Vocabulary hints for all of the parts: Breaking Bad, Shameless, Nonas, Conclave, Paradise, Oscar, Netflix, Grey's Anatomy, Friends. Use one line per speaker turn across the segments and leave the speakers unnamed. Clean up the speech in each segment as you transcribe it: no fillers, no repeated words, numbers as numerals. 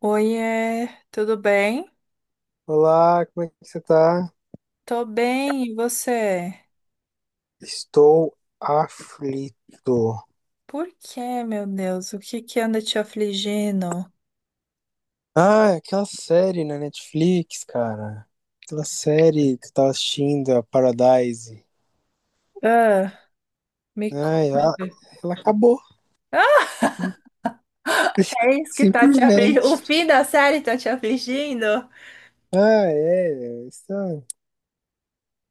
Oiê, tudo bem?
Olá, como é que você tá?
Tô bem, e você?
Estou aflito.
Por quê, meu Deus? O que que anda te afligindo?
Ah, é aquela série na Netflix, cara. Aquela série que eu tava assistindo, a Paradise.
Ah, me
Ai, ela,
conta.
ela acabou,
Ah, é isso que tá te afligindo? O
simplesmente.
fim da série tá te afligindo?
Ah, é. É isso é.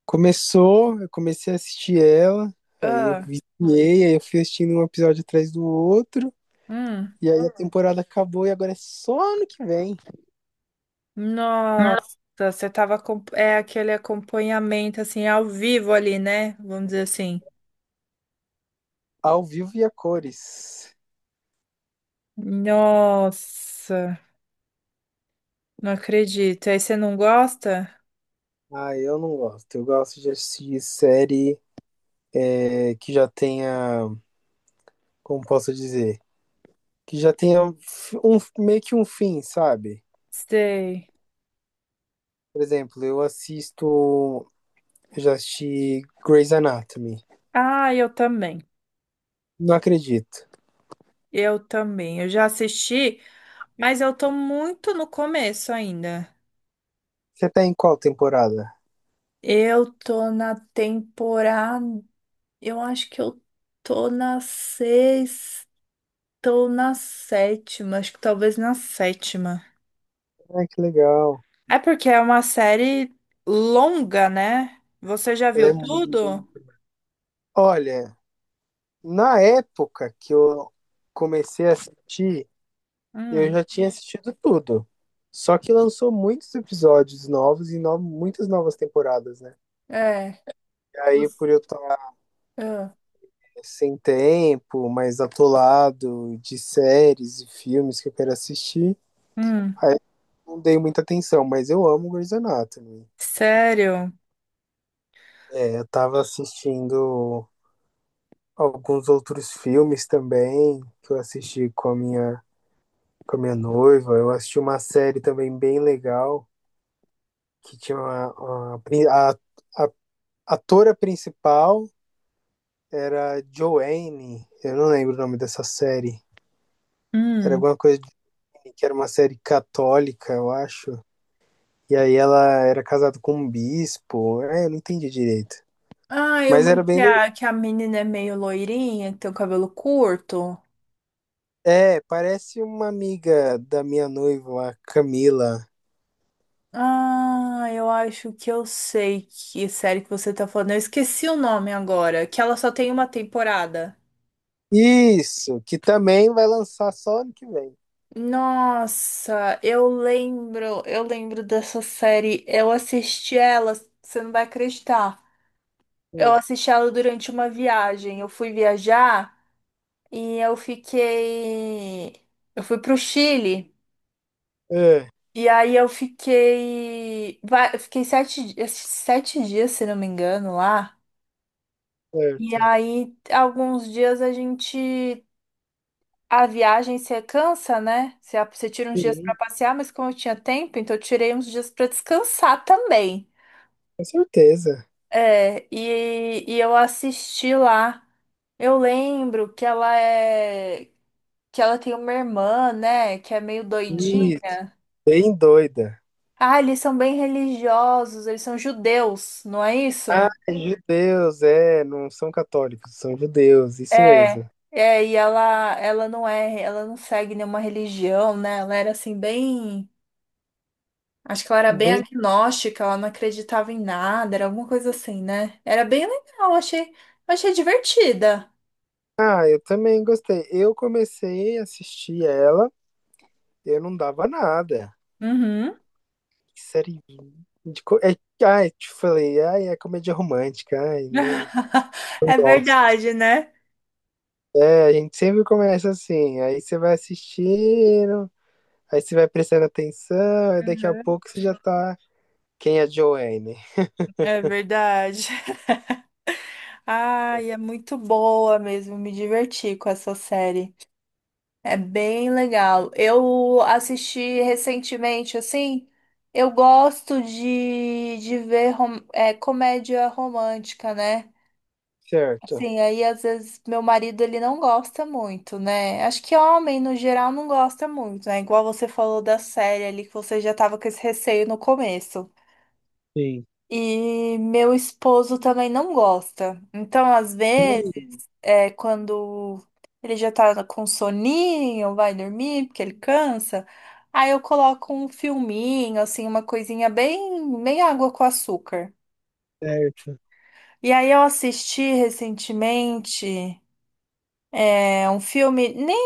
Começou, eu comecei a assistir ela, aí eu
Ah,
viciei, aí eu fui assistindo um episódio atrás do outro,
hum.
e aí a temporada acabou e agora é só ano que vem,
Nossa, você tava com... É aquele acompanhamento, assim, ao vivo ali, né? Vamos dizer assim.
ao vivo e a cores.
Nossa, não acredito. Aí você não gosta?
Ah, eu não gosto. Eu gosto de assistir série é, que já tenha, como posso dizer, que já tenha um, meio que um fim, sabe?
Sei.
Por exemplo, eu assisto, eu já assisti Grey's Anatomy.
Ah, eu também.
Não acredito.
Eu também. Eu já assisti, mas eu tô muito no começo ainda.
Você tá em qual temporada?
Eu tô na temporada. Eu acho que eu tô na sexta ou na sétima. Acho que talvez na sétima.
Ah, que legal.
É porque é uma série longa, né? Você já
Ela
viu
é muito-
tudo?
Olha, na época que eu comecei a assistir, eu
Hum.
já tinha assistido tudo. Só que lançou muitos episódios novos muitas novas temporadas, né?
É.
Aí,
você-
por eu estar
ah.
sem tempo, mais atolado de séries e filmes que eu quero assistir,
Hum.
aí eu não dei muita atenção, mas eu amo Grey's Anatomy.
Sério?
É, eu tava assistindo alguns outros filmes também, que eu assisti com a minha noiva. Eu assisti uma série também bem legal, que tinha uma, a atora principal era Joanne, eu não lembro o nome dessa série. Era
Hum.
alguma coisa que era uma série católica, eu acho. E aí ela era casada com um bispo. É, eu não entendi direito.
Ah, eu
Mas era
que
bem.
a, que a menina é meio loirinha, tem o cabelo curto.
É, parece uma amiga da minha noiva, a Camila.
Ah, eu acho que eu sei que série que você tá falando. Eu esqueci o nome agora, que ela só tem uma temporada.
Isso, que também vai lançar só ano que vem.
Nossa, eu lembro dessa série. Eu assisti ela, você não vai acreditar. Eu
Sim.
assisti ela durante uma viagem. Eu fui viajar e eu fiquei, eu fui pro Chile
É,
e aí eu fiquei, eu fiquei sete dias, se não me engano, lá. E
certo.
aí, alguns dias a gente. A viagem você cansa, né? Você tira uns dias para
Sim,
passear, mas como eu tinha tempo, então eu tirei uns dias para descansar também.
com certeza.
É, e eu assisti lá. Eu lembro que ela é. Que ela tem uma irmã, né? Que é meio doidinha.
Isso, bem doida.
Ah, eles são bem religiosos, eles são judeus, não é isso?
Ah, judeus, é, não são católicos, são judeus, isso
É,
mesmo.
é, e ela não é, ela não segue nenhuma religião, né? Ela era assim bem. Acho que ela era bem
Bem,
agnóstica, ela não acreditava em nada, era alguma coisa assim, né? Era bem legal, achei divertida.
ah, eu também gostei. Eu comecei a assistir ela. Eu não dava nada.
Uhum.
Que série. É, ai, te falei, ai, é comédia romântica, ai, não, não
É
gosto.
verdade, né?
É, a gente sempre começa assim, aí você vai assistindo, aí você vai prestando atenção, e daqui a
Uhum.
pouco você já tá. Quem é Joanne?
É verdade. Ai, é muito boa mesmo. Me diverti com essa série. É bem legal. Eu assisti recentemente, assim. Eu gosto de ver comédia romântica, né?
Certo.
Sim, aí às vezes meu marido ele não gosta muito, né? Acho que homem no geral não gosta muito, né? Igual você falou da série ali que você já tava com esse receio no começo.
Sim.
E meu esposo também não gosta. Então, às vezes,
Hum,
é quando ele já tá com soninho, vai dormir, porque ele cansa, aí eu coloco um filminho, assim, uma coisinha bem, bem água com açúcar.
certo.
E aí eu assisti recentemente um filme. Nem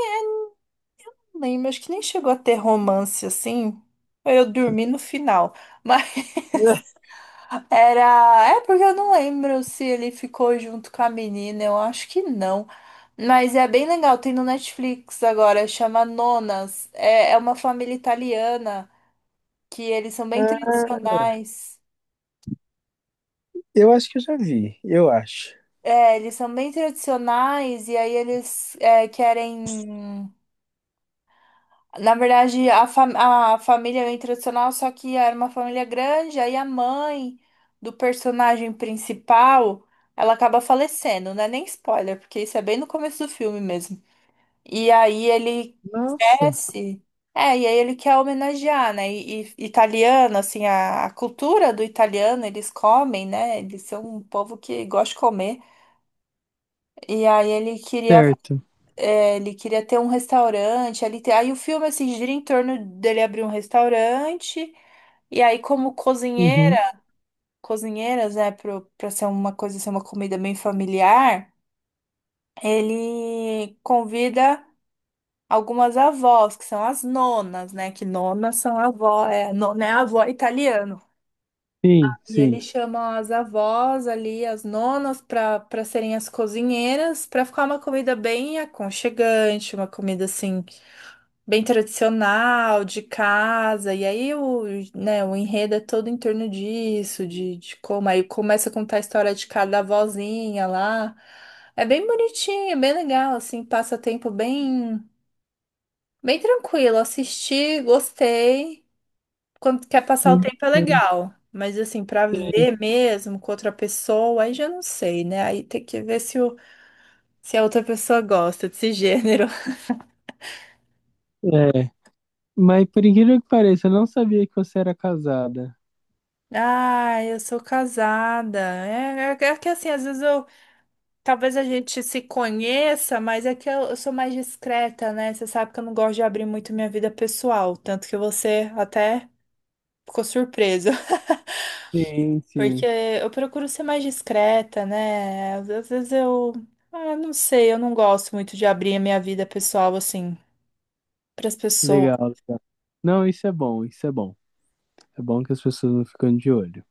lembro, acho que nem chegou a ter romance assim. Eu dormi no final. Mas era. É porque eu não lembro se ele ficou junto com a menina, eu acho que não. Mas é bem legal, tem no Netflix agora, chama Nonas. É, uma família italiana que eles são bem
Ah,
tradicionais.
eu acho que eu já vi, eu acho.
É, eles são bem tradicionais e aí eles querem. Na verdade, a família é tradicional, só que era uma família grande, aí a mãe do personagem principal, ela acaba falecendo, não é nem spoiler, porque isso é bem no começo do filme mesmo. E aí ele
Nossa.
cresce, e aí ele quer homenagear, né? E, italiano, assim, a cultura do italiano, eles comem, né? Eles são um povo que gosta de comer. E aí ele queria
Certo.
é, ele queria ter um restaurante ali. Aí o filme assim, gira em torno dele abrir um restaurante. E aí, como
Uhum.
cozinheiras, né, pra ser uma comida bem familiar, ele convida algumas avós, que são as nonas, né? Que nonas são avó, nona é avó italiano.
Sim,
E
sim.
ele chama as avós ali, as nonas, para serem as cozinheiras, para ficar uma comida bem aconchegante, uma comida assim. Bem tradicional, de casa, e aí o, né, o enredo é todo em torno disso, de como aí começa a contar a história de cada avózinha lá. É bem bonitinho, é bem legal, assim, passa tempo bem, bem tranquilo. Assisti, gostei. Quando quer passar o tempo é legal. Mas assim, pra ver mesmo com outra pessoa, aí já não sei, né? Aí tem que ver se a outra pessoa gosta desse gênero.
É. Mas por incrível que pareça, eu não sabia que você era casada.
Ah, eu sou casada. É, é que assim, às vezes eu. Talvez a gente se conheça, mas é que eu sou mais discreta, né? Você sabe que eu não gosto de abrir muito minha vida pessoal. Tanto que você até ficou surpresa.
Sim,
Porque
sim.
eu procuro ser mais discreta, né? Às vezes eu. Ah, não sei, eu não gosto muito de abrir a minha vida pessoal, assim, pras pessoas.
Legal, legal. Não, isso é bom, isso é bom. É bom que as pessoas não ficam de olho.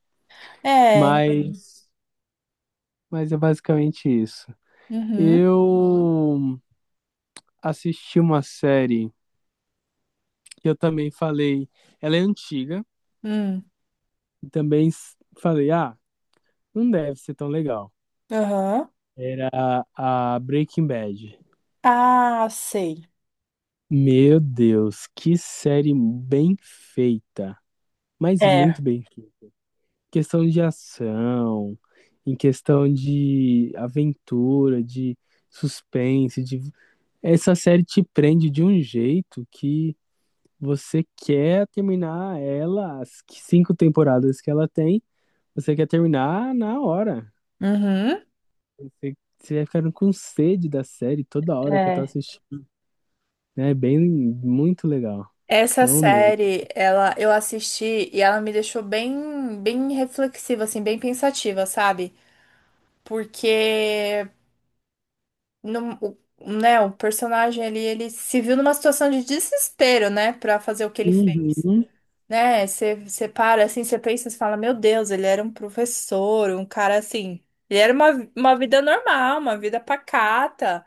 É.
Mas, mas é basicamente isso.
Uhum.
Eu assisti uma série que eu também falei, ela é antiga,
Hum.
e também falei, ah, não deve ser tão legal.
Aham.
Era a Breaking Bad.
Ah, sei.
Meu Deus, que série bem feita, mas
É.
muito bem questão de ação, em questão de aventura, de suspense, de... essa série te prende de um jeito que você quer terminar ela, as 5 temporadas que ela tem, você quer terminar na hora.
Uhum.
Você vai ficando com sede da série toda hora que eu tô
É.
assistindo. Né? É bem, muito legal.
Essa
Eu mesmo.
série, ela, eu assisti e ela me deixou bem, bem reflexiva, assim, bem pensativa, sabe? Porque, o, né, o personagem ali, ele se viu numa situação de desespero, né, pra fazer o que ele fez,
Uhum,
né? Você para, assim, você pensa, você fala, meu Deus, ele era um professor, um cara assim. Ele era uma, vida normal, uma vida pacata.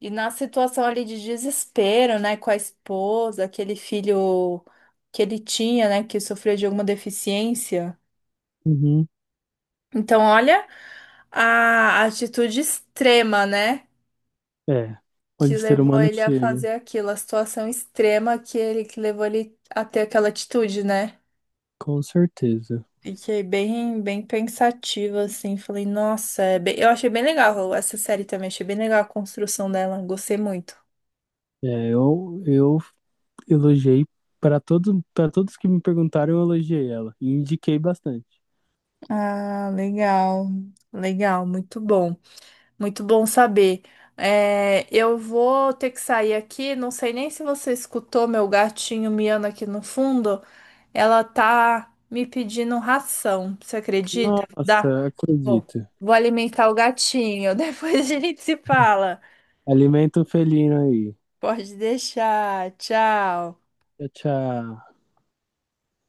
E na situação ali de desespero, né, com a esposa, aquele filho que ele tinha, né, que sofreu de alguma deficiência.
uhum.
Então, olha a atitude extrema, né,
É,
que
onde o ser
levou
humano
ele a
chega,
fazer aquilo, a situação extrema que levou ele a ter aquela atitude, né?
com certeza.
Fiquei bem, bem pensativa, assim, falei, nossa, eu achei bem legal essa série também, achei bem legal a construção dela, gostei muito.
É, eu elogiei para todos que me perguntaram, eu elogiei ela e indiquei bastante.
Ah, legal, legal, muito bom. Muito bom saber. É, eu vou ter que sair aqui. Não sei nem se você escutou meu gatinho miando aqui no fundo. Ela tá me pedindo ração. Você acredita? Dá.
Nossa,
Bom,
acredito.
vou alimentar o gatinho. Depois a gente se fala.
Alimento felino aí.
Pode deixar. Tchau.
Tchau, tchau.